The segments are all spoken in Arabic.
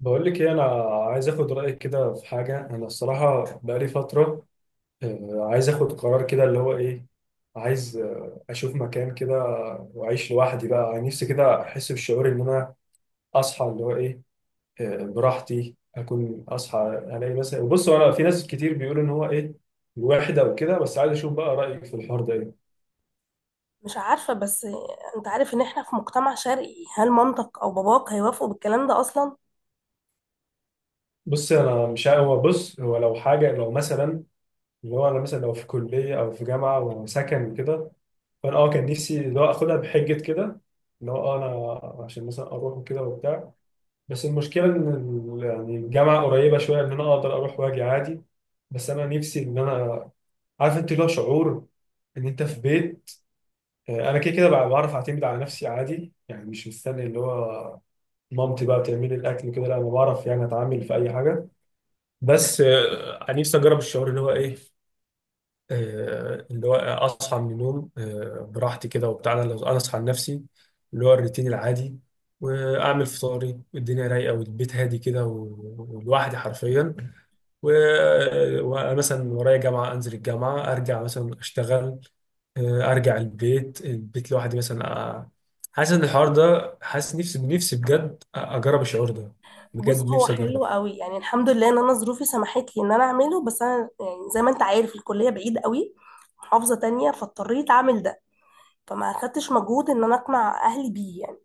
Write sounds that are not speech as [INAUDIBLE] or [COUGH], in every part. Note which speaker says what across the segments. Speaker 1: بقول لك ايه؟ انا عايز اخد رايك كده في حاجه. انا الصراحه بقالي فتره، عايز اخد قرار كده. اللي هو ايه؟ عايز اشوف مكان كده واعيش لوحدي، بقى نفسي كده احس بالشعور ان انا اصحى، اللي هو ايه براحتي، اكون اصحى. الاقي مثلا، بص انا في ناس كتير بيقولوا ان هو ايه الوحده وكده، بس عايز اشوف بقى رايك في الحوار ده ايه.
Speaker 2: مش عارفة، بس انت عارف ان احنا في مجتمع شرقي. هل مامتك او باباك هيوافقوا بالكلام ده اصلا؟
Speaker 1: بص انا مش عارف- هو بص، هو لو حاجه، لو مثلا اللي هو انا، مثلا لو في كليه او في جامعه وسكن وكده، فانا كان نفسي اللي هو اخدها بحجه كده، اللي هو انا عشان مثلا اروح وكده وبتاع. بس المشكله ان يعني الجامعه قريبه شويه، ان انا اقدر اروح واجي عادي. بس انا نفسي ان انا، عارف انت اللي هو شعور ان انت في بيت. انا كده كده بقى بعرف اعتمد على نفسي عادي، يعني مش مستني اللي هو مامتي بقى بتعمل لي الاكل كده. لا، انا بعرف يعني اتعامل في اي حاجه، بس نفسي اجرب الشعور اللي هو ايه. اللي هو اصحى من النوم براحتي كده وبتاع. انا لو انا اصحى لنفسي، اللي هو الروتين العادي، واعمل فطاري، والدنيا رايقه، والبيت هادي كده ولوحدي حرفيا. و- ومثلا ورايا جامعه، انزل الجامعه، ارجع مثلا اشتغل، ارجع البيت لوحدي مثلا، حاسس ان الحوار ده، حاسس نفسي نفسي بجد اجرب الشعور ده.
Speaker 2: بص،
Speaker 1: بجد
Speaker 2: هو
Speaker 1: نفسي اجرب.
Speaker 2: حلو قوي يعني. الحمد لله ان انا ظروفي سمحت لي ان انا اعمله، بس انا يعني زي ما انت عارف الكلية بعيد قوي، محافظة تانية، فاضطريت اعمل ده، فما اخدتش مجهود ان انا اقنع اهلي بيه يعني.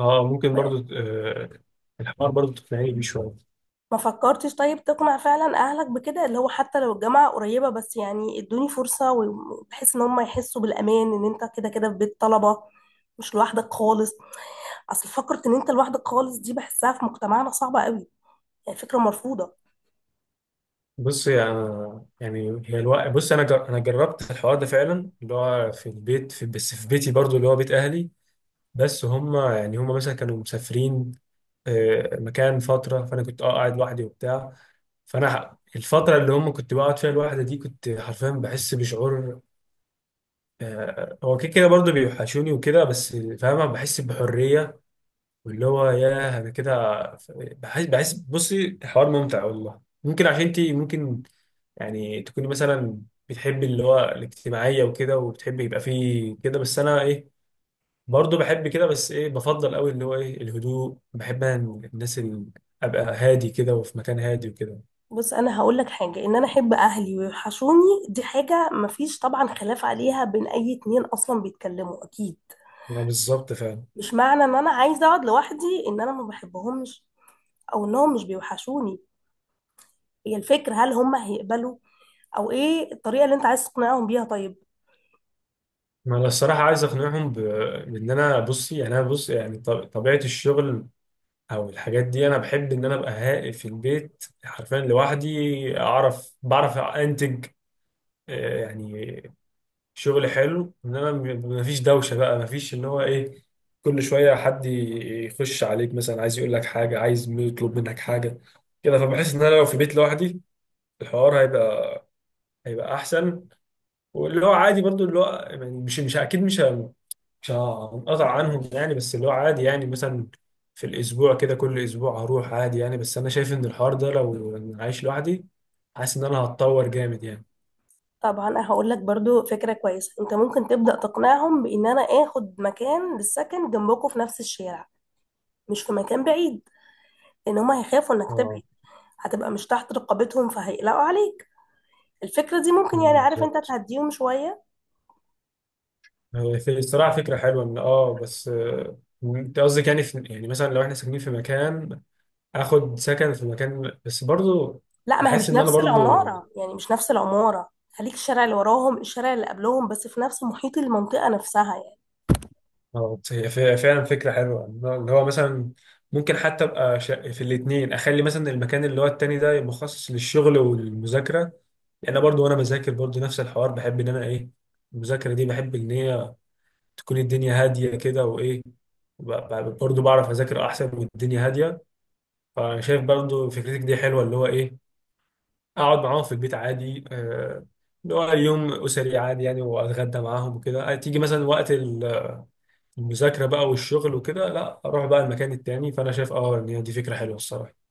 Speaker 1: اه ممكن برضو، الحوار برضو تقنعني بيه شويه.
Speaker 2: ما فكرتش طيب تقنع فعلا اهلك بكده، اللي هو حتى لو الجامعة قريبة بس يعني ادوني فرصة، وبحيث ان هم يحسوا بالامان ان انت كده كده في بيت طلبة، مش لوحدك خالص؟ اصل فكره ان انت لوحدك خالص دي بحسها في مجتمعنا صعبه قوي، يعني فكره مرفوضه.
Speaker 1: بص يعني هي الوقت. بص، انا جربت الحوار ده فعلا، اللي هو في البيت، بس في بيتي برضو اللي هو بيت اهلي. بس هم، يعني هم مثلا كانوا مسافرين مكان فتره، فانا كنت قاعد لوحدي وبتاع. الفتره اللي هم كنت بقعد فيها لوحدي دي، كنت حرفيا بحس بشعور هو كده كده برضو بيوحشوني وكده، بس فاهمه بحس بحريه. واللي هو ياه، انا كده بحس بصي، الحوار ممتع والله. ممكن عشان انت ممكن يعني تكوني مثلا بتحبي اللي هو الاجتماعية وكده، وبتحبي يبقى فيه كده، بس أنا إيه، برضه بحب كده، بس إيه، بفضل أوي اللي هو إيه الهدوء. بحب أنا، الناس اللي أبقى هادي كده، وفي مكان هادي وكده.
Speaker 2: بص، انا هقول لك حاجه: ان انا احب اهلي ويوحشوني دي حاجه مفيش طبعا خلاف عليها بين اي اتنين اصلا بيتكلموا، اكيد.
Speaker 1: ما بالظبط فعلا.
Speaker 2: مش معنى ان انا عايزه اقعد لوحدي ان انا ما بحبهمش او انهم مش بيوحشوني. هي الفكره هل هم هيقبلوا؟ او ايه الطريقه اللي انت عايز تقنعهم بيها؟ طيب،
Speaker 1: ما أنا الصراحة عايز أقنعهم بإن أنا، بصي يعني أنا بص، يعني طبيعة الشغل أو الحاجات دي، أنا بحب إن أنا أبقى هادي في البيت حرفيا لوحدي، بعرف أنتج يعني شغل حلو، انما مفيش دوشه بقى، مفيش اللي هو ايه كل شويه حد يخش عليك، مثلا عايز يقول لك حاجه، عايز يطلب منك حاجه كده. فبحس ان انا لو في بيت لوحدي، الحوار هيبقى احسن. واللي هو عادي برضو، اللي هو يعني مش اكيد مش هنقطع عنهم يعني، بس اللي هو عادي يعني مثلا في الاسبوع كده، كل اسبوع هروح عادي يعني. بس انا شايف ان الحوار ده لو أنا عايش لوحدي، حاسس ان انا هتطور جامد يعني.
Speaker 2: طبعا انا هقول لك برضو فكره كويسه. انت ممكن تبدا تقنعهم بان انا اخد مكان للسكن جنبكم في نفس الشارع، مش في مكان بعيد، لان هما هيخافوا انك تبعد،
Speaker 1: اه،
Speaker 2: هتبقى مش تحت رقابتهم فهيقلقوا عليك. الفكرة دي ممكن يعني، عارف انت،
Speaker 1: بالظبط.
Speaker 2: تهديهم شوية.
Speaker 1: هو في الصراحة فكرة حلوة إن بس أنت قصدك يعني في، يعني مثلا لو إحنا ساكنين في مكان، آخد سكن في مكان. بس برضو
Speaker 2: لا، ما هي
Speaker 1: أحس
Speaker 2: مش
Speaker 1: إن أنا
Speaker 2: نفس
Speaker 1: برضو
Speaker 2: العمارة يعني، مش نفس العمارة. خليك الشارع اللي وراهم، الشارع اللي قبلهم، بس في نفس محيط المنطقة نفسها يعني.
Speaker 1: هي فعلا فكرة حلوة اللي هو مثلا ممكن حتى أبقى في الاتنين، أخلي مثلا المكان اللي هو التاني ده مخصص للشغل والمذاكرة. لأن أنا برضو، وأنا بذاكر برضو نفس الحوار، بحب إن أنا إيه، المذاكرة دي بحب إن هي تكون الدنيا هادية كده وإيه ب- برضو بعرف أذاكر أحسن والدنيا هادية. فانا شايف برضو فكرتك دي حلوه، اللي هو ايه، اقعد معاهم في البيت عادي، اللي هو يوم اسري عادي يعني، واتغدى معاهم وكده. تيجي مثلا وقت المذاكره بقى والشغل وكده، لا اروح بقى المكان التاني. فانا شايف ان هي دي فكره حلوه الصراحه.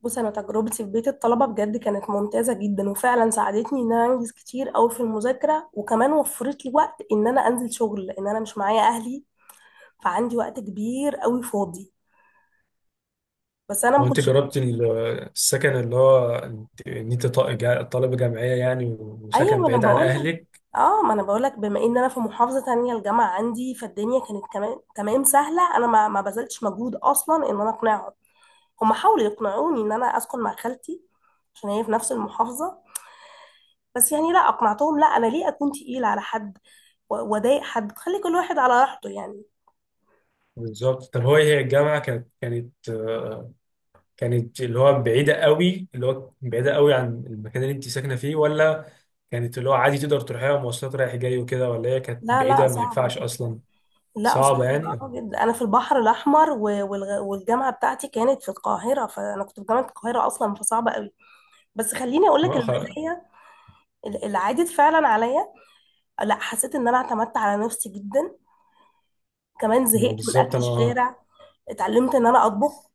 Speaker 2: بص، انا تجربتي في بيت الطلبة بجد كانت ممتازة جدا، وفعلا ساعدتني ان انا انجز كتير قوي في المذاكرة، وكمان وفرت لي وقت ان انا انزل شغل لان انا مش معايا اهلي، فعندي وقت كبير قوي فاضي. بس انا
Speaker 1: هو
Speaker 2: ما
Speaker 1: انت
Speaker 2: كنتش.
Speaker 1: جربت السكن، اللي هو ان انت طالبه جامعيه يعني،
Speaker 2: ايوه،
Speaker 1: وسكن
Speaker 2: ما انا
Speaker 1: بعيد عن
Speaker 2: بقول لك،
Speaker 1: اهلك؟
Speaker 2: اه ما انا بقول لك، بما ان انا في محافظه تانية الجامعه عندي، فالدنيا كانت كمان تمام سهله. انا ما بذلتش مجهود اصلا ان انا اقنعهم. هم حاولوا يقنعوني ان انا اسكن مع خالتي، عشان هي في نفس المحافظه، بس يعني لا، اقنعتهم. لا، انا ليه اكون تقيله على حد و- واضايق حد؟ خلي كل واحد على راحته يعني.
Speaker 1: بالظبط. طب هو هي الجامعه كانت كانت اللي هو بعيدة قوي، اللي هو بعيدة قوي عن المكان اللي انت ساكنة فيه؟ ولا كانت اللي هو عادي تقدر تروحيها مواصلات رايح جاي وكده؟ ولا هي كانت
Speaker 2: لا لا،
Speaker 1: بعيدة ما
Speaker 2: صعبه
Speaker 1: ينفعش
Speaker 2: جدا.
Speaker 1: أصلا؟
Speaker 2: لا صعبه
Speaker 1: صعبة يعني.
Speaker 2: جدا، انا في البحر الاحمر و- والغ- والجامعه بتاعتي كانت في القاهره، فانا كنت في جامعه القاهره اصلا، فصعبه قوي. بس خليني اقول لك
Speaker 1: ما أخ-
Speaker 2: المزايا اللي عادت فعلا عليا. لا، حسيت ان انا اعتمدت على نفسي جدا، كمان
Speaker 1: ما
Speaker 2: زهقت من
Speaker 1: بالظبط
Speaker 2: اكل
Speaker 1: أنا.
Speaker 2: الشارع، اتعلمت ان انا اطبخ،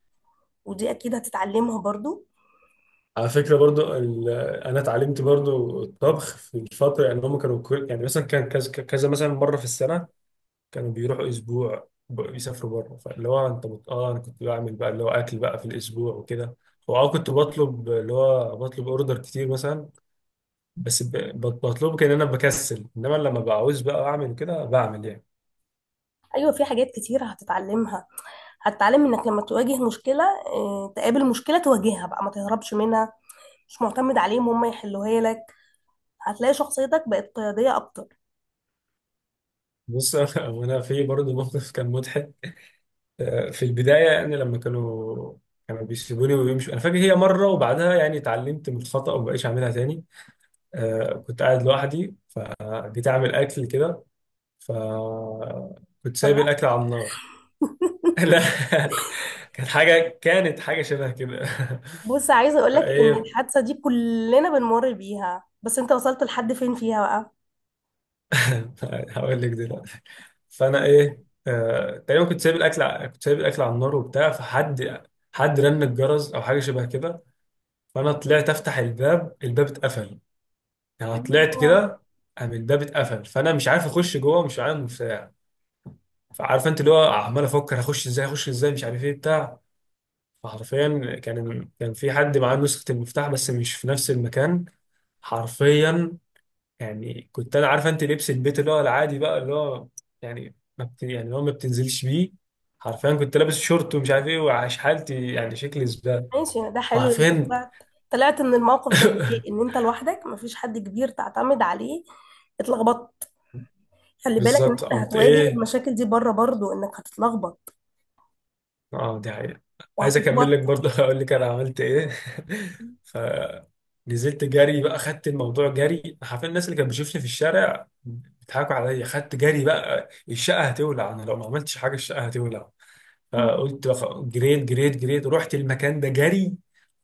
Speaker 2: ودي اكيد هتتعلمها برضو.
Speaker 1: على فكرة برضو أنا اتعلمت برضو الطبخ في الفترة، يعني هم كانوا يعني مثلا كان كذا كذا، مثلا مرة في السنة كانوا بيروحوا أسبوع يسافروا بره. فاللي هو أنت أنا كنت بعمل بقى اللي هو أكل بقى في الأسبوع وكده. كنت بطلب اللي هو بطلب أوردر كتير مثلا، بس بطلبه، كان انا بكسل، انما لما بعوز بقى اعمل كده، بعمل يعني.
Speaker 2: ايوه في حاجات كتير هتتعلمها. هتتعلم انك لما تواجه مشكله، تقابل مشكله تواجهها بقى، ما تهربش منها، مش معتمد عليهم هم يحلوها لك. هتلاقي شخصيتك بقت قياديه اكتر.
Speaker 1: بص، [LAUGHS] وانا في برضه موقف كان مضحك، في البدايه، يعني لما كانوا بيسيبوني ويمشوا. انا فاكر هي مره وبعدها يعني اتعلمت من الخطا وما بقيتش اعملها تاني. كنت قاعد لوحدي فجيت اعمل اكل كده، فكنت
Speaker 2: ولا
Speaker 1: سايب
Speaker 2: لا؟
Speaker 1: الاكل على النار. [LAUGHS] لا. [LAUGHS] كانت حاجه شبه كده.
Speaker 2: بص، عايزه
Speaker 1: [LAUGHS]
Speaker 2: اقول لك ان
Speaker 1: فايه؟
Speaker 2: الحادثه دي كلنا بنمر بيها، بس انت وصلت لحد فين فيها؟
Speaker 1: [LAUGHS] هقول لك دلوقتي. فانا ايه، تقريبا كنت سايب الاكل كنت سايب الاكل على النار وبتاع، فحد رن الجرس او حاجه شبه كده. فانا طلعت افتح الباب. الباب اتقفل، يعني طلعت
Speaker 2: بقى،
Speaker 1: كده، قام الباب اتقفل. فانا مش عارف اخش جوه، مش معايا مفتاح. فعارف انت اللي هو، عمال افكر هخش ازاي، هخش ازاي، مش عارف ايه بتاع. فحرفيا كان في حد معاه نسخه المفتاح، بس مش في نفس المكان حرفيا. يعني كنت انا، عارفه انت، لبس البيت اللي هو العادي بقى، اللي هو يعني ما بت... يعني اللي هو ما بتنزلش بيه. حرفيا كنت لابس شورت ومش عارف ايه، وعاش حالتي يعني، شكلي زباله
Speaker 2: ماشي يعني، ده حلو انت
Speaker 1: حرفيا.
Speaker 2: طلعت، طلعت من الموقف ده. ايه؟ ان
Speaker 1: [LAUGHS]
Speaker 2: انت لوحدك مفيش حد كبير تعتمد عليه، اتلخبطت. خلي بالك ان
Speaker 1: بالظبط،
Speaker 2: انت
Speaker 1: قمت
Speaker 2: هتواجه
Speaker 1: ايه.
Speaker 2: المشاكل دي بره برضو، انك هتتلخبط
Speaker 1: اه، دي حقيقة. عايز اكمل
Speaker 2: وهتتوتر.
Speaker 1: لك برضه، [LAUGHS] اقول لك انا عملت ايه. [LAUGHS] ف نزلت جري بقى، خدت الموضوع جري حرفيا. الناس اللي كانت بتشوفني في الشارع بيضحكوا عليا. خدت جري بقى، الشقه هتولع، انا لو ما عملتش حاجه الشقه هتولع.
Speaker 2: مم.
Speaker 1: فقلت جريت جريت جريت، رحت المكان ده جري.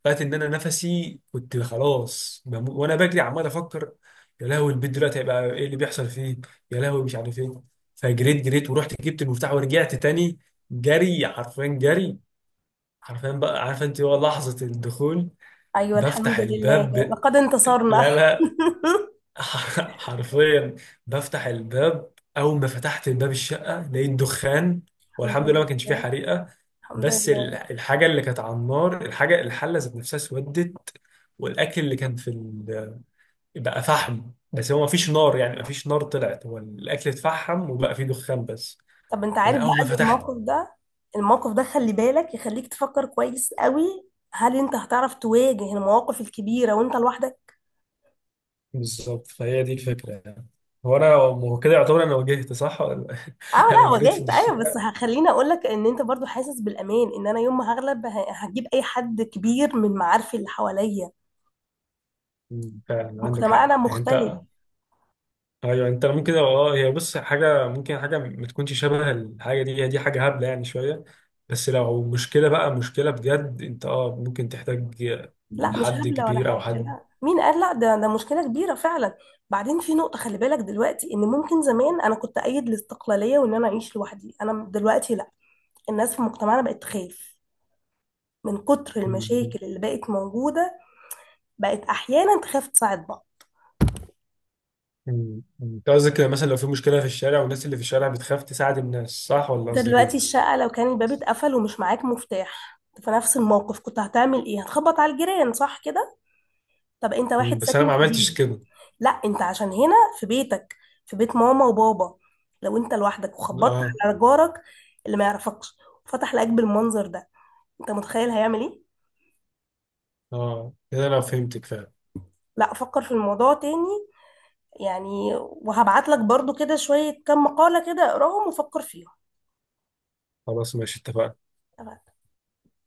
Speaker 1: لقيت ان انا نفسي كنت خلاص وانا بجري عمال افكر، يا لهوي البيت دلوقتي هيبقى ايه اللي بيحصل فيه، يا لهوي مش عارف ايه. فجريت جريت، ورحت جبت المفتاح ورجعت تاني جري حرفيا. جري حرفيا بقى، عارفه انت، هو لحظه الدخول
Speaker 2: ايوه، الحمد
Speaker 1: بفتح
Speaker 2: لله
Speaker 1: الباب.
Speaker 2: لقد انتصرنا. [LAUGHS]
Speaker 1: لا لا. [LAUGHS] حرفيا بفتح الباب، اول ما فتحت الباب الشقه لقيت دخان.
Speaker 2: الحمد
Speaker 1: والحمد لله ما كانش فيه
Speaker 2: لله،
Speaker 1: حريقه.
Speaker 2: الحمد
Speaker 1: بس
Speaker 2: لله.
Speaker 1: الحاجه اللي كانت على النار، الحاجه، الحله ذات نفسها اسودت، والاكل اللي كان في بقى فحم. بس هو ما فيش نار يعني، ما فيش نار طلعت، هو الاكل اتفحم وبقى فيه دخان بس.
Speaker 2: طب انت
Speaker 1: فانا
Speaker 2: عارف بقى
Speaker 1: اول ما
Speaker 2: ان
Speaker 1: فتحت.
Speaker 2: الموقف ده، الموقف ده، خلي بالك يخليك تفكر كويس قوي. هل انت هتعرف تواجه المواقف الكبيرة وانت لوحدك؟
Speaker 1: بالظبط، فهي دي الفكره يعني. هو انا هو كده يعتبر انا واجهت صح؟ ولا
Speaker 2: اه
Speaker 1: [LAUGHS] انا
Speaker 2: لا،
Speaker 1: جريت في
Speaker 2: واجهت، ايوه، بس
Speaker 1: الشارع.
Speaker 2: هخليني اقول لك ان انت برضو حاسس بالامان ان انا يوم ما هغلب هجيب اي حد كبير من معارفي اللي حواليا.
Speaker 1: مم. فعلا عندك
Speaker 2: مجتمعنا
Speaker 1: حق يعني.
Speaker 2: مختلف.
Speaker 1: انت ايوه، انت ممكن، هي بص، حاجه ممكن حاجه ما تكونش شبه الحاجه دي، هي دي حاجه هبله يعني شويه، بس لو مشكله بقى، مشكله بجد، انت ممكن تحتاج
Speaker 2: لا مش
Speaker 1: حد
Speaker 2: هبله ولا
Speaker 1: كبير
Speaker 2: حاجه،
Speaker 1: او حد.
Speaker 2: لا، مين قال؟ لا، ده مشكله كبيره فعلا. بعدين في نقطه خلي بالك دلوقتي، ان ممكن زمان انا كنت ايد الاستقلاليه وان انا اعيش لوحدي، انا دلوقتي لا. الناس في مجتمعنا بقت تخاف من كتر
Speaker 1: مم.
Speaker 2: المشاكل اللي بقت موجوده، بقت احيانا تخاف تساعد بعض.
Speaker 1: مم. انت قصدك مثلا لو في مشكله في الشارع، والناس اللي في الشارع بتخاف تساعد الناس، صح ولا
Speaker 2: انت
Speaker 1: قصدك
Speaker 2: دلوقتي
Speaker 1: ايه؟
Speaker 2: الشقة لو كان الباب اتقفل ومش معاك مفتاح، في نفس الموقف كنت هتعمل ايه؟ هتخبط على الجيران، صح كده؟ طب انت
Speaker 1: مم.
Speaker 2: واحد
Speaker 1: بس انا
Speaker 2: ساكن
Speaker 1: ما عملتش
Speaker 2: جديد.
Speaker 1: كده.
Speaker 2: لا، انت عشان هنا في بيتك، في بيت ماما وبابا. لو انت لوحدك وخبطت
Speaker 1: اه،
Speaker 2: على جارك اللي ما يعرفكش وفتح لك بالمنظر ده، انت متخيل هيعمل ايه؟
Speaker 1: اه، كده انا فهمتك فعلا.
Speaker 2: لا، فكر في الموضوع تاني، يعني. وهبعت لك برضو كده شوية كم مقالة، كده اقراهم وفكر فيهم.
Speaker 1: خلاص ماشي، اتفقنا.